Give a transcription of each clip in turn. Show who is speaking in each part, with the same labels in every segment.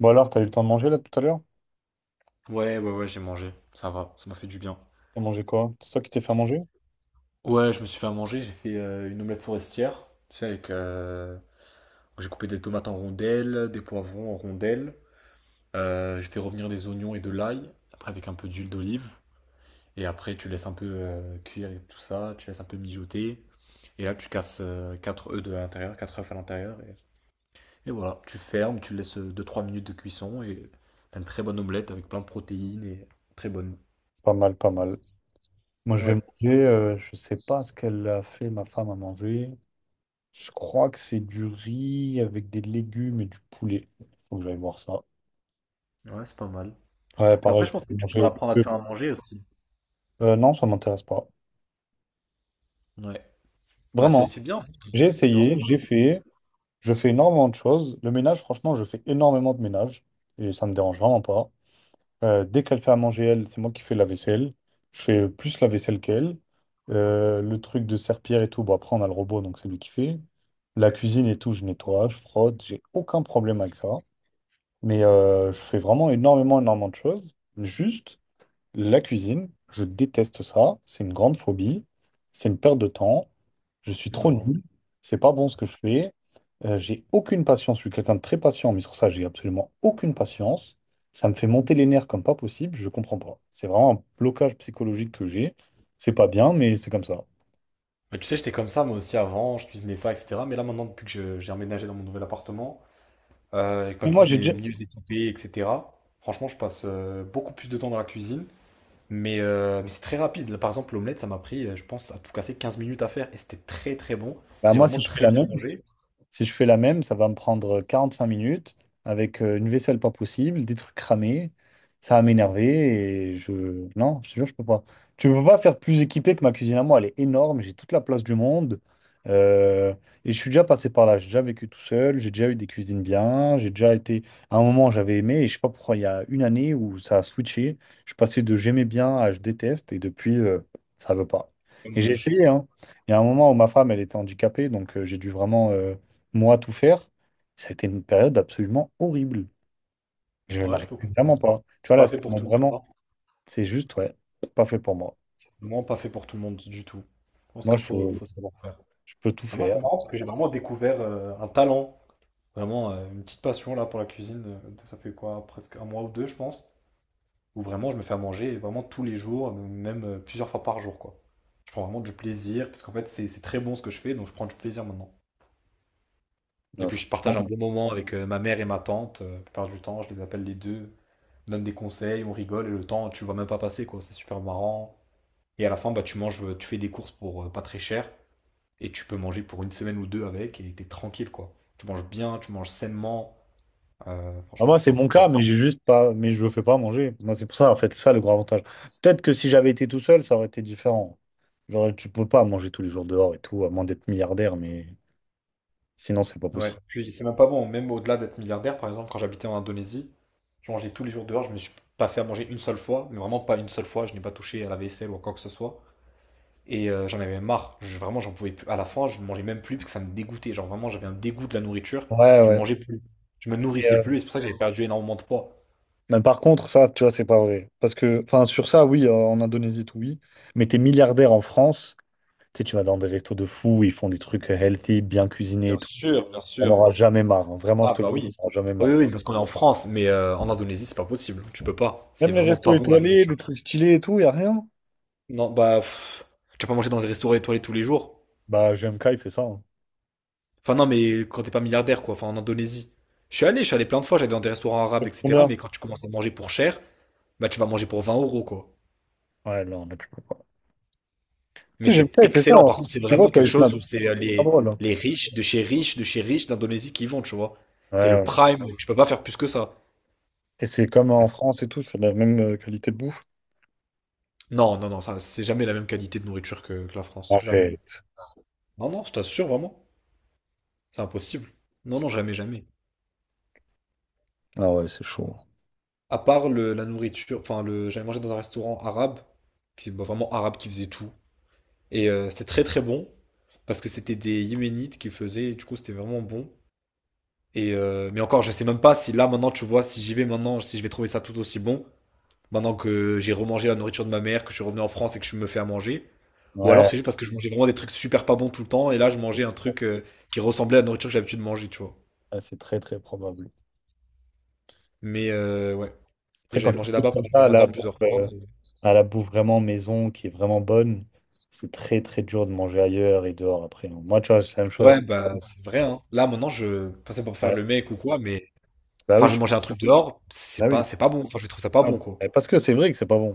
Speaker 1: Bon alors, t'as eu le temps de manger là tout à l'heure?
Speaker 2: Ouais, ouais, ouais, j'ai mangé. Ça va, ça m'a fait du bien.
Speaker 1: T'as mangé quoi? C'est toi qui t'es fait à manger?
Speaker 2: Ouais, je me suis fait à manger. J'ai fait une omelette forestière. Tu sais, avec. J'ai coupé des tomates en rondelles, des poivrons en rondelles. J'ai fait revenir des oignons et de l'ail. Après, avec un peu d'huile d'olive. Et après, tu laisses un peu cuire et tout ça. Tu laisses un peu mijoter. Et là, tu casses 4 œufs de l'intérieur, 4 œufs à l'intérieur. Et voilà, tu fermes, tu laisses deux trois minutes de cuisson. Et t'as une très bonne omelette avec plein de protéines et très bonne.
Speaker 1: Pas mal, pas mal. Moi, je vais
Speaker 2: Ouais,
Speaker 1: manger, je sais pas ce qu'elle a fait, ma femme, à manger. Je crois que c'est du riz avec des légumes et du poulet. Faut que j'aille voir ça.
Speaker 2: ouais, c'est pas mal.
Speaker 1: Ouais,
Speaker 2: Puis après,
Speaker 1: pareil,
Speaker 2: je pense que
Speaker 1: j'ai
Speaker 2: tu peux
Speaker 1: mangé.
Speaker 2: apprendre à te faire à manger aussi.
Speaker 1: Non, ça m'intéresse pas.
Speaker 2: Ouais. Bah, c'est
Speaker 1: Vraiment,
Speaker 2: c'est bien.
Speaker 1: j'ai
Speaker 2: C'est vraiment
Speaker 1: essayé, j'ai
Speaker 2: bien.
Speaker 1: fait, je fais énormément de choses. Le ménage, franchement, je fais énormément de ménage et ça me dérange vraiment pas. Dès qu'elle fait à manger, elle, c'est moi qui fais la vaisselle. Je fais plus la vaisselle qu'elle. Le truc de serpillère et tout, bon, après, on a le robot, donc c'est lui qui fait. La cuisine et tout, je nettoie, je frotte, j'ai aucun problème avec ça. Mais je fais vraiment énormément, énormément de choses. Juste, la cuisine, je déteste ça. C'est une grande phobie. C'est une perte de temps. Je suis trop
Speaker 2: Non.
Speaker 1: nul. C'est pas bon ce que je fais. J'ai aucune patience. Je suis quelqu'un de très patient, mais sur ça, j'ai absolument aucune patience. Ça me fait monter les nerfs comme pas possible. Je comprends pas. C'est vraiment un blocage psychologique que j'ai. C'est pas bien, mais c'est comme ça.
Speaker 2: Bah, tu sais, j'étais comme ça moi aussi avant, je cuisinais pas, etc. Mais là maintenant, depuis que j'ai emménagé dans mon nouvel appartement, et que ma
Speaker 1: Mais moi,
Speaker 2: cuisine
Speaker 1: j'ai
Speaker 2: est
Speaker 1: déjà...
Speaker 2: mieux équipée, etc. Franchement, je passe beaucoup plus de temps dans la cuisine. Mais c'est très rapide. Là, par exemple, l'omelette, ça m'a pris, je pense, à tout casser 15 minutes à faire. Et c'était très très bon.
Speaker 1: Bah,
Speaker 2: J'ai
Speaker 1: moi, si
Speaker 2: vraiment
Speaker 1: je fais
Speaker 2: très
Speaker 1: la
Speaker 2: bien
Speaker 1: même,
Speaker 2: mangé.
Speaker 1: si je fais la même, ça va me prendre 45 minutes avec une vaisselle pas possible, des trucs cramés. Ça va m'énerver et je... Non, je te jure, je peux pas. Tu peux pas faire plus équipé que ma cuisine à moi. Elle est énorme, j'ai toute la place du monde. Euh, Et je suis déjà passé par là. J'ai déjà vécu tout seul, j'ai déjà eu des cuisines bien. J'ai déjà été... À un moment, j'avais aimé et je sais pas pourquoi, il y a une année où ça a switché. Je suis passé de j'aimais bien à je déteste et depuis, ça veut pas. Et j'ai
Speaker 2: Dommage.
Speaker 1: essayé, hein. Il y a un moment où ma femme, elle était handicapée, donc j'ai dû vraiment... moi, tout faire, ça a été une période absolument horrible. Je
Speaker 2: Ouais, je peux
Speaker 1: n'arrivais vraiment
Speaker 2: comprendre.
Speaker 1: pas. Tu
Speaker 2: C'est
Speaker 1: vois, là,
Speaker 2: pas fait
Speaker 1: c'était
Speaker 2: pour
Speaker 1: mon-
Speaker 2: tout le monde,
Speaker 1: vraiment,
Speaker 2: hein.
Speaker 1: c'est juste, ouais, pas fait pour moi.
Speaker 2: Vraiment pas fait pour tout le monde du tout. Je pense
Speaker 1: Moi,
Speaker 2: qu'il faut, savoir faire.
Speaker 1: je peux tout
Speaker 2: Mais moi,
Speaker 1: faire.
Speaker 2: c'est marrant parce que j'ai vraiment découvert un talent, vraiment une petite passion là pour la cuisine. Ça fait quoi, presque un mois ou deux, je pense, où vraiment je me fais à manger vraiment tous les jours, même plusieurs fois par jour, quoi. Je prends vraiment du plaisir parce qu'en fait, c'est très bon ce que je fais, donc je prends du plaisir maintenant. Et
Speaker 1: Là,
Speaker 2: puis, je partage un
Speaker 1: franchement.
Speaker 2: bon moment avec ma mère et ma tante. La plupart du temps, je les appelle les deux, on donne des conseils, on rigole et le temps, tu le vois même pas passer, quoi. C'est super marrant. Et à la fin, bah, tu manges, tu fais des courses pour pas très cher. Et tu peux manger pour une semaine ou deux avec et t'es tranquille, quoi. Tu manges bien, tu manges sainement. euh,
Speaker 1: Ah,
Speaker 2: franchement,
Speaker 1: moi, c'est
Speaker 2: c'est
Speaker 1: mon
Speaker 2: c'est top.
Speaker 1: cas, mais j'ai juste pas, mais je ne fais pas à manger. Moi, c'est pour ça, en fait, c'est ça le grand avantage. Peut-être que si j'avais été tout seul, ça aurait été différent. Genre, tu peux pas manger tous les jours dehors et tout, à moins d'être milliardaire, mais sinon, c'est pas
Speaker 2: Ouais.
Speaker 1: possible.
Speaker 2: Puis c'est même pas bon, même au-delà d'être milliardaire, par exemple, quand j'habitais en Indonésie, je mangeais tous les jours dehors, je me suis pas fait à manger une seule fois, mais vraiment pas une seule fois, je n'ai pas touché à la vaisselle ou à quoi que ce soit. J'en avais marre, vraiment j'en pouvais plus. À la fin, je ne mangeais même plus parce que ça me dégoûtait. Genre vraiment, j'avais un dégoût de la nourriture,
Speaker 1: Ouais,
Speaker 2: je
Speaker 1: ouais.
Speaker 2: mangeais plus, je me
Speaker 1: Et,
Speaker 2: nourrissais plus, et c'est pour ça que j'avais perdu énormément de poids.
Speaker 1: mais par contre, ça, tu vois, c'est pas vrai. Parce que, enfin, sur ça, oui, en Indonésie, tout, oui. Mais t'es milliardaire en France. Tu sais, tu vas dans des restos de fous, ils font des trucs healthy, bien cuisinés et tout.
Speaker 2: Bien sûr, bien
Speaker 1: On
Speaker 2: sûr.
Speaker 1: n'aura jamais marre, hein. Vraiment, je
Speaker 2: Ah
Speaker 1: te le
Speaker 2: bah
Speaker 1: dis, tu
Speaker 2: oui.
Speaker 1: n'auras jamais
Speaker 2: Oui,
Speaker 1: marre.
Speaker 2: oui, parce qu'on est en France, mais en Indonésie, c'est pas possible. Tu peux pas. C'est
Speaker 1: Même les
Speaker 2: vraiment
Speaker 1: restos
Speaker 2: pas bon la
Speaker 1: étoilés, des
Speaker 2: nourriture.
Speaker 1: trucs stylés et tout, y a rien.
Speaker 2: Non, bah, pff, tu vas pas manger dans des restaurants étoilés tous les jours.
Speaker 1: Bah, GMK, il fait ça, hein.
Speaker 2: Enfin, non, mais quand t'es pas milliardaire, quoi. Enfin, en Indonésie. Je suis allé plein de fois, j'allais dans des restaurants arabes,
Speaker 1: C'est trop
Speaker 2: etc.
Speaker 1: bien.
Speaker 2: Mais quand tu commences à manger pour cher, bah, tu vas manger pour 20 euros, quoi.
Speaker 1: Ouais, non, là, tu peux pas. Tu
Speaker 2: Mais
Speaker 1: sais, j'aime
Speaker 2: c'est
Speaker 1: pas, il fait ça,
Speaker 2: excellent.
Speaker 1: hein.
Speaker 2: Par contre, c'est
Speaker 1: Tu vois,
Speaker 2: vraiment
Speaker 1: quoi,
Speaker 2: quelque
Speaker 1: il snap.
Speaker 2: chose où
Speaker 1: C'est
Speaker 2: c'est
Speaker 1: pas
Speaker 2: les,
Speaker 1: drôle, hein.
Speaker 2: les riches de chez riches, de chez riches d'Indonésie qui y vont, tu vois.
Speaker 1: Ouais,
Speaker 2: C'est le
Speaker 1: ouais.
Speaker 2: prime. Tu peux pas faire plus que ça.
Speaker 1: Et c'est comme en France et tout, c'est la même qualité de bouffe.
Speaker 2: Non, non, non, ça, c'est jamais la même qualité de nourriture que la France. Jamais.
Speaker 1: Arrête.
Speaker 2: Non, non, je t'assure vraiment, c'est impossible. Non, non, jamais, jamais.
Speaker 1: Ah ouais, c'est chaud.
Speaker 2: À part la nourriture, enfin, j'avais mangé dans un restaurant arabe, qui, bah, vraiment arabe qui faisait tout. C'était très très bon, parce que c'était des Yéménites qui faisaient, et du coup c'était vraiment bon. Et mais encore, je sais même pas si là maintenant, tu vois, si j'y vais maintenant, si je vais trouver ça tout aussi bon, maintenant que j'ai remangé la nourriture de ma mère, que je suis revenu en France et que je me fais à manger. Ou alors
Speaker 1: Ouais,
Speaker 2: c'est juste parce que je mangeais vraiment des trucs super pas bons tout le temps, et là je mangeais un truc qui ressemblait à la nourriture que j'ai l'habitude de manger, tu vois.
Speaker 1: ouais, c'est très, très probable.
Speaker 2: Mais ouais. Et
Speaker 1: Après, quand
Speaker 2: j'avais
Speaker 1: tu
Speaker 2: mangé
Speaker 1: goûtes
Speaker 2: là-bas
Speaker 1: comme
Speaker 2: pendant le
Speaker 1: ça, la
Speaker 2: ramadan
Speaker 1: bouffe,
Speaker 2: plusieurs fois. et-
Speaker 1: à la bouffe vraiment maison qui est vraiment bonne, c'est très très dur de manger ailleurs et dehors après, hein. Moi, tu vois, c'est la même chose. Avec-
Speaker 2: Ouais, bah c'est vrai, hein. Là maintenant je passais pour faire
Speaker 1: Ouais.
Speaker 2: le mec ou quoi, mais
Speaker 1: Bah
Speaker 2: enfin
Speaker 1: oui,
Speaker 2: je
Speaker 1: tu-
Speaker 2: mangeais un truc dehors,
Speaker 1: bah
Speaker 2: c'est
Speaker 1: oui.
Speaker 2: pas c'est pas bon. Enfin je trouve ça pas
Speaker 1: Ah,
Speaker 2: bon, quoi.
Speaker 1: bah, parce que c'est vrai que c'est pas bon.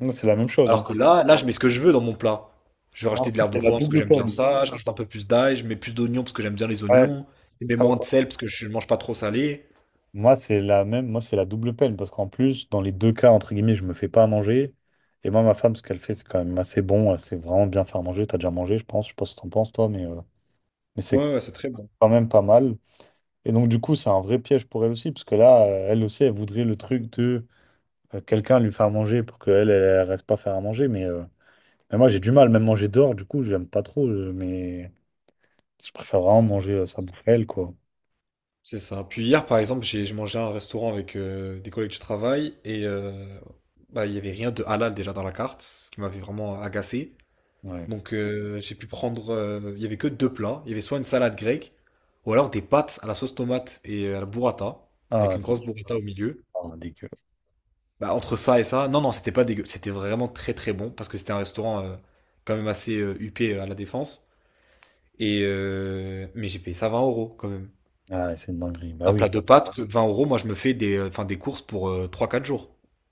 Speaker 1: Moi, c'est la même chose,
Speaker 2: Alors
Speaker 1: hein.
Speaker 2: que là, je mets ce que je veux dans mon plat. Je vais
Speaker 1: Moi,
Speaker 2: rajouter de l'herbe de
Speaker 1: c'est la
Speaker 2: Provence parce que
Speaker 1: double
Speaker 2: j'aime bien
Speaker 1: peine.
Speaker 2: ça, je rajoute un peu plus d'ail, je mets plus d'oignons parce que j'aime bien les
Speaker 1: Ouais.
Speaker 2: oignons, je mets
Speaker 1: Ah ouais.
Speaker 2: moins de sel parce que je mange pas trop salé.
Speaker 1: Moi, c'est la même. Moi, c'est la double peine parce qu'en plus, dans les deux cas, entre guillemets, je me fais pas à manger. Et moi, ma femme, ce qu'elle fait, c'est quand même assez bon. Elle sait vraiment bien faire manger. T'as déjà mangé, je pense. Je sais pas si t'en penses, toi, mais c'est
Speaker 2: Ouais, ouais, c'est très bon.
Speaker 1: quand même pas mal. Et donc, du coup, c'est un vrai piège pour elle aussi, parce que là, elle aussi, elle voudrait le truc de. Quelqu'un lui faire manger pour qu'elle, elle, elle reste pas faire à manger. Mais moi, j'ai du mal, même manger dehors, du coup, j'aime pas trop. Mais je préfère vraiment manger sa bouffe à elle, quoi.
Speaker 2: C'est ça. Puis hier, par exemple, j'ai mangé à un restaurant avec des collègues de travail et bah, il y avait rien de halal déjà dans la carte, ce qui m'avait vraiment agacé.
Speaker 1: Ouais.
Speaker 2: Donc j'ai pu prendre, il y avait que deux plats. Il y avait soit une salade grecque, ou alors des pâtes à la sauce tomate et à la burrata, avec
Speaker 1: Ah,
Speaker 2: une grosse burrata au milieu.
Speaker 1: non, ah, dégueu.
Speaker 2: Bah, entre ça et ça, non, non, c'était pas dégueu. C'était vraiment très très bon, parce que c'était un restaurant quand même assez huppé à La Défense. Et mais j'ai payé ça 20 euros quand même.
Speaker 1: Ah, ouais, c'est une dinguerie. Bah
Speaker 2: Un
Speaker 1: oui,
Speaker 2: plat de
Speaker 1: ça-
Speaker 2: pâtes, que 20 euros, moi je me fais des courses pour 3-4 jours,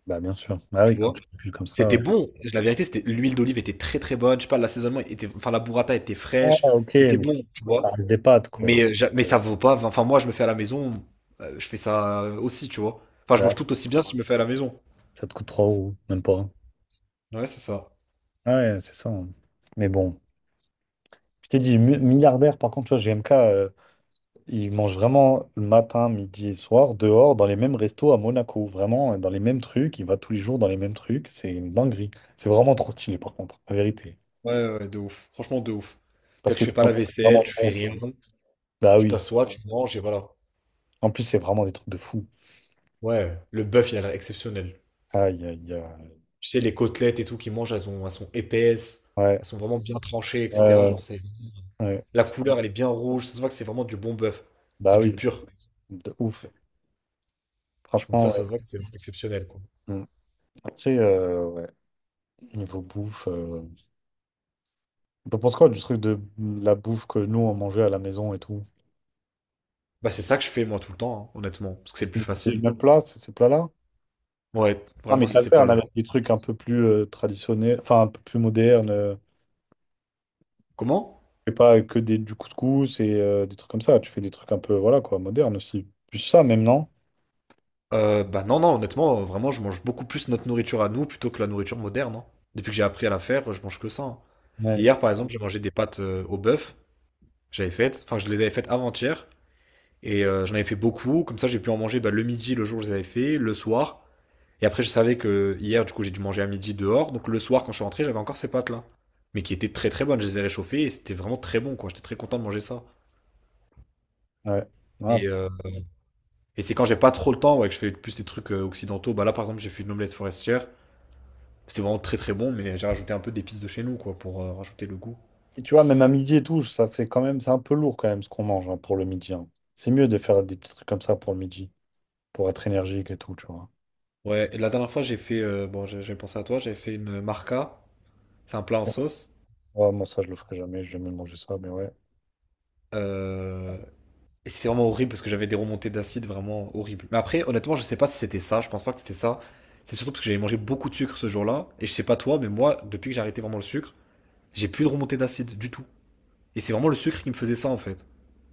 Speaker 1: bah bien sûr. Bah
Speaker 2: tu
Speaker 1: oui, quand
Speaker 2: vois.
Speaker 1: tu cules comme ça.
Speaker 2: C'était bon, la vérité, c'était l'huile d'olive était très très bonne, je sais pas, l'assaisonnement était, enfin la burrata était
Speaker 1: Ah,
Speaker 2: fraîche,
Speaker 1: ok,
Speaker 2: c'était
Speaker 1: mais ça
Speaker 2: bon, tu vois.
Speaker 1: reste des pâtes, quoi.
Speaker 2: Mais ça vaut pas. Enfin, moi, je me fais à la maison. Je fais ça aussi, tu vois. Enfin, je mange
Speaker 1: Bah,
Speaker 2: tout aussi bien si je me fais à la maison.
Speaker 1: ça te coûte 3 euros, même pas, hein.
Speaker 2: Ouais, c'est ça.
Speaker 1: Ouais, c'est ça, hein. Mais bon, je t'ai dit, mi- milliardaire, par contre, tu vois, GMK. Ils mangent vraiment le matin, midi et soir dehors dans les mêmes restos à Monaco. Vraiment dans les mêmes trucs. Il va tous les jours dans les mêmes trucs. C'est une dinguerie. C'est vraiment trop stylé par contre, la vérité.
Speaker 2: Ouais, ouais, ouais, de ouf. Franchement, de ouf. Peut-être tu
Speaker 1: Passer
Speaker 2: fais pas
Speaker 1: trop de
Speaker 2: la
Speaker 1: temps, c'est
Speaker 2: vaisselle,
Speaker 1: vraiment
Speaker 2: tu fais
Speaker 1: bon, tu
Speaker 2: rien.
Speaker 1: vois. Bah
Speaker 2: Tu
Speaker 1: oui.
Speaker 2: t'assois, tu manges et voilà.
Speaker 1: En plus, c'est vraiment des trucs de fou.
Speaker 2: Ouais, le bœuf, il a l'air exceptionnel.
Speaker 1: Aïe, aïe, aïe.
Speaker 2: Tu sais, les côtelettes et tout qu'ils mangent, elles sont épaisses.
Speaker 1: Ouais.
Speaker 2: Elles sont vraiment bien tranchées, etc.
Speaker 1: Euh,
Speaker 2: Genre,
Speaker 1: ouais,
Speaker 2: c'est.
Speaker 1: ouais.
Speaker 2: La couleur, elle est bien rouge. Ça se voit que c'est vraiment du bon bœuf. C'est
Speaker 1: Bah
Speaker 2: du
Speaker 1: oui.
Speaker 2: pur.
Speaker 1: De ouf.
Speaker 2: Donc
Speaker 1: Franchement,
Speaker 2: ça,
Speaker 1: ouais.
Speaker 2: ça se voit que c'est exceptionnel, quoi.
Speaker 1: Mm. Après, ouais. Niveau bouffe. T'en penses quoi du truc de la bouffe que nous on mangeait à la maison et tout?
Speaker 2: Bah, c'est ça que je fais, moi, tout le temps, hein, honnêtement. Parce que c'est le plus
Speaker 1: C'est les
Speaker 2: facile.
Speaker 1: mêmes plats, ces ces plats-là?
Speaker 2: Ouais,
Speaker 1: Non,
Speaker 2: vraiment,
Speaker 1: mais
Speaker 2: c'est
Speaker 1: t'as
Speaker 2: ces
Speaker 1: fait un
Speaker 2: plats-là.
Speaker 1: avec des trucs un peu plus traditionnels, enfin un peu plus modernes. Euh.
Speaker 2: Comment?
Speaker 1: Tu fais pas que des, du couscous et des trucs comme ça. Tu fais des trucs un peu, voilà quoi, modernes aussi. Plus ça, même, non?
Speaker 2: Bah non, non, honnêtement, vraiment, je mange beaucoup plus notre nourriture à nous plutôt que la nourriture moderne, hein. Depuis que j'ai appris à la faire, je mange que ça, hein.
Speaker 1: Ouais.
Speaker 2: Hier, par exemple, j'ai mangé des pâtes au bœuf. J'avais faites, enfin, je les avais faites avant-hier. J'en avais fait beaucoup. Comme ça, j'ai pu en manger bah, le midi, le jour où je les avais fait, le soir. Et après, je savais que hier, du coup, j'ai dû manger à midi dehors. Donc le soir, quand je suis rentré, j'avais encore ces pâtes-là. Mais qui étaient très très bonnes. Je les ai réchauffées et c'était vraiment très bon, quoi. J'étais très content de manger ça.
Speaker 1: Ouais. Ouais.
Speaker 2: Et euh, Et c'est quand j'ai pas trop le temps, ouais, que je fais plus des trucs occidentaux. Bah là, par exemple, j'ai fait une omelette forestière. C'était vraiment très très bon, mais j'ai rajouté un peu d'épices de chez nous, quoi, pour rajouter le goût.
Speaker 1: Et tu vois, même à midi et tout, ça fait quand même, c'est un peu lourd quand même ce qu'on mange hein, pour le midi, hein. C'est mieux de faire des petits trucs comme ça pour le midi, pour être énergique et tout, tu vois.
Speaker 2: Ouais, et la dernière fois, j'ai fait, bon, j'ai pensé à toi, j'avais fait une marca. C'est un plat en sauce.
Speaker 1: Ouais, moi, ça, je le ferai jamais, j'ai jamais mangé ça, mais ouais.
Speaker 2: Euh, et c'était vraiment horrible parce que j'avais des remontées d'acide vraiment horribles. Mais après, honnêtement, je sais pas si c'était ça. Je pense pas que c'était ça. C'est surtout parce que j'avais mangé beaucoup de sucre ce jour-là. Et je sais pas toi, mais moi, depuis que j'ai arrêté vraiment le sucre, j'ai plus de remontées d'acide du tout. Et c'est vraiment le sucre qui me faisait ça, en fait.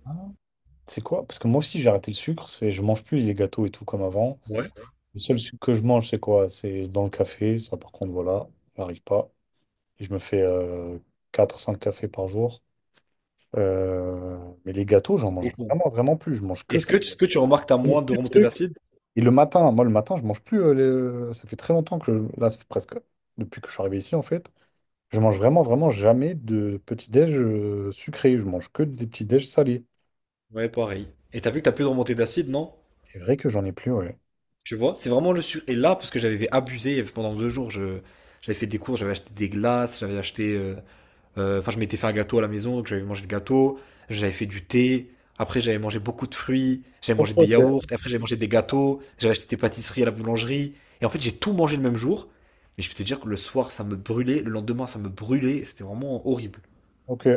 Speaker 1: Ah. C'est quoi? Parce que moi aussi, j'ai arrêté le sucre, c'est- je mange plus les gâteaux et tout comme avant.
Speaker 2: Ouais.
Speaker 1: Le seul sucre que je mange, c'est quoi? C'est dans le café. Ça, par contre, voilà, j'arrive pas. Et je me fais 4 ou 5 cafés par jour. Euh, mais les gâteaux, j'en mange vraiment, vraiment plus. Je mange que
Speaker 2: Est-ce
Speaker 1: ça.
Speaker 2: que, ce que tu remarques que t'as
Speaker 1: Le
Speaker 2: moins de
Speaker 1: pire
Speaker 2: remontées
Speaker 1: truc.
Speaker 2: d'acide?
Speaker 1: Et le matin, moi, le matin, je mange plus. Les- Ça fait très longtemps que je... Là, ça fait presque depuis que je suis arrivé ici, en fait. Je mange vraiment, vraiment jamais de petit-déj sucré. Je mange que des petits-déj salés.
Speaker 2: Ouais, pareil. Et t'as vu que t'as plus de remontées d'acide, non?
Speaker 1: C'est vrai que j'en ai plus, ouais.
Speaker 2: Tu vois, c'est vraiment le sur. Et là, parce que j'avais abusé pendant 2 jours, j'avais fait des courses, j'avais acheté des glaces, j'avais acheté. Enfin, je m'étais fait un gâteau à la maison, donc j'avais mangé le gâteau, j'avais fait du thé, après j'avais mangé beaucoup de fruits, j'avais
Speaker 1: Ok,
Speaker 2: mangé des
Speaker 1: ok.
Speaker 2: yaourts, après j'avais mangé des gâteaux, j'avais acheté des pâtisseries à la boulangerie. Et en fait, j'ai tout mangé le même jour, mais je peux te dire que le soir, ça me brûlait, le lendemain, ça me brûlait, c'était vraiment horrible.
Speaker 1: Ok,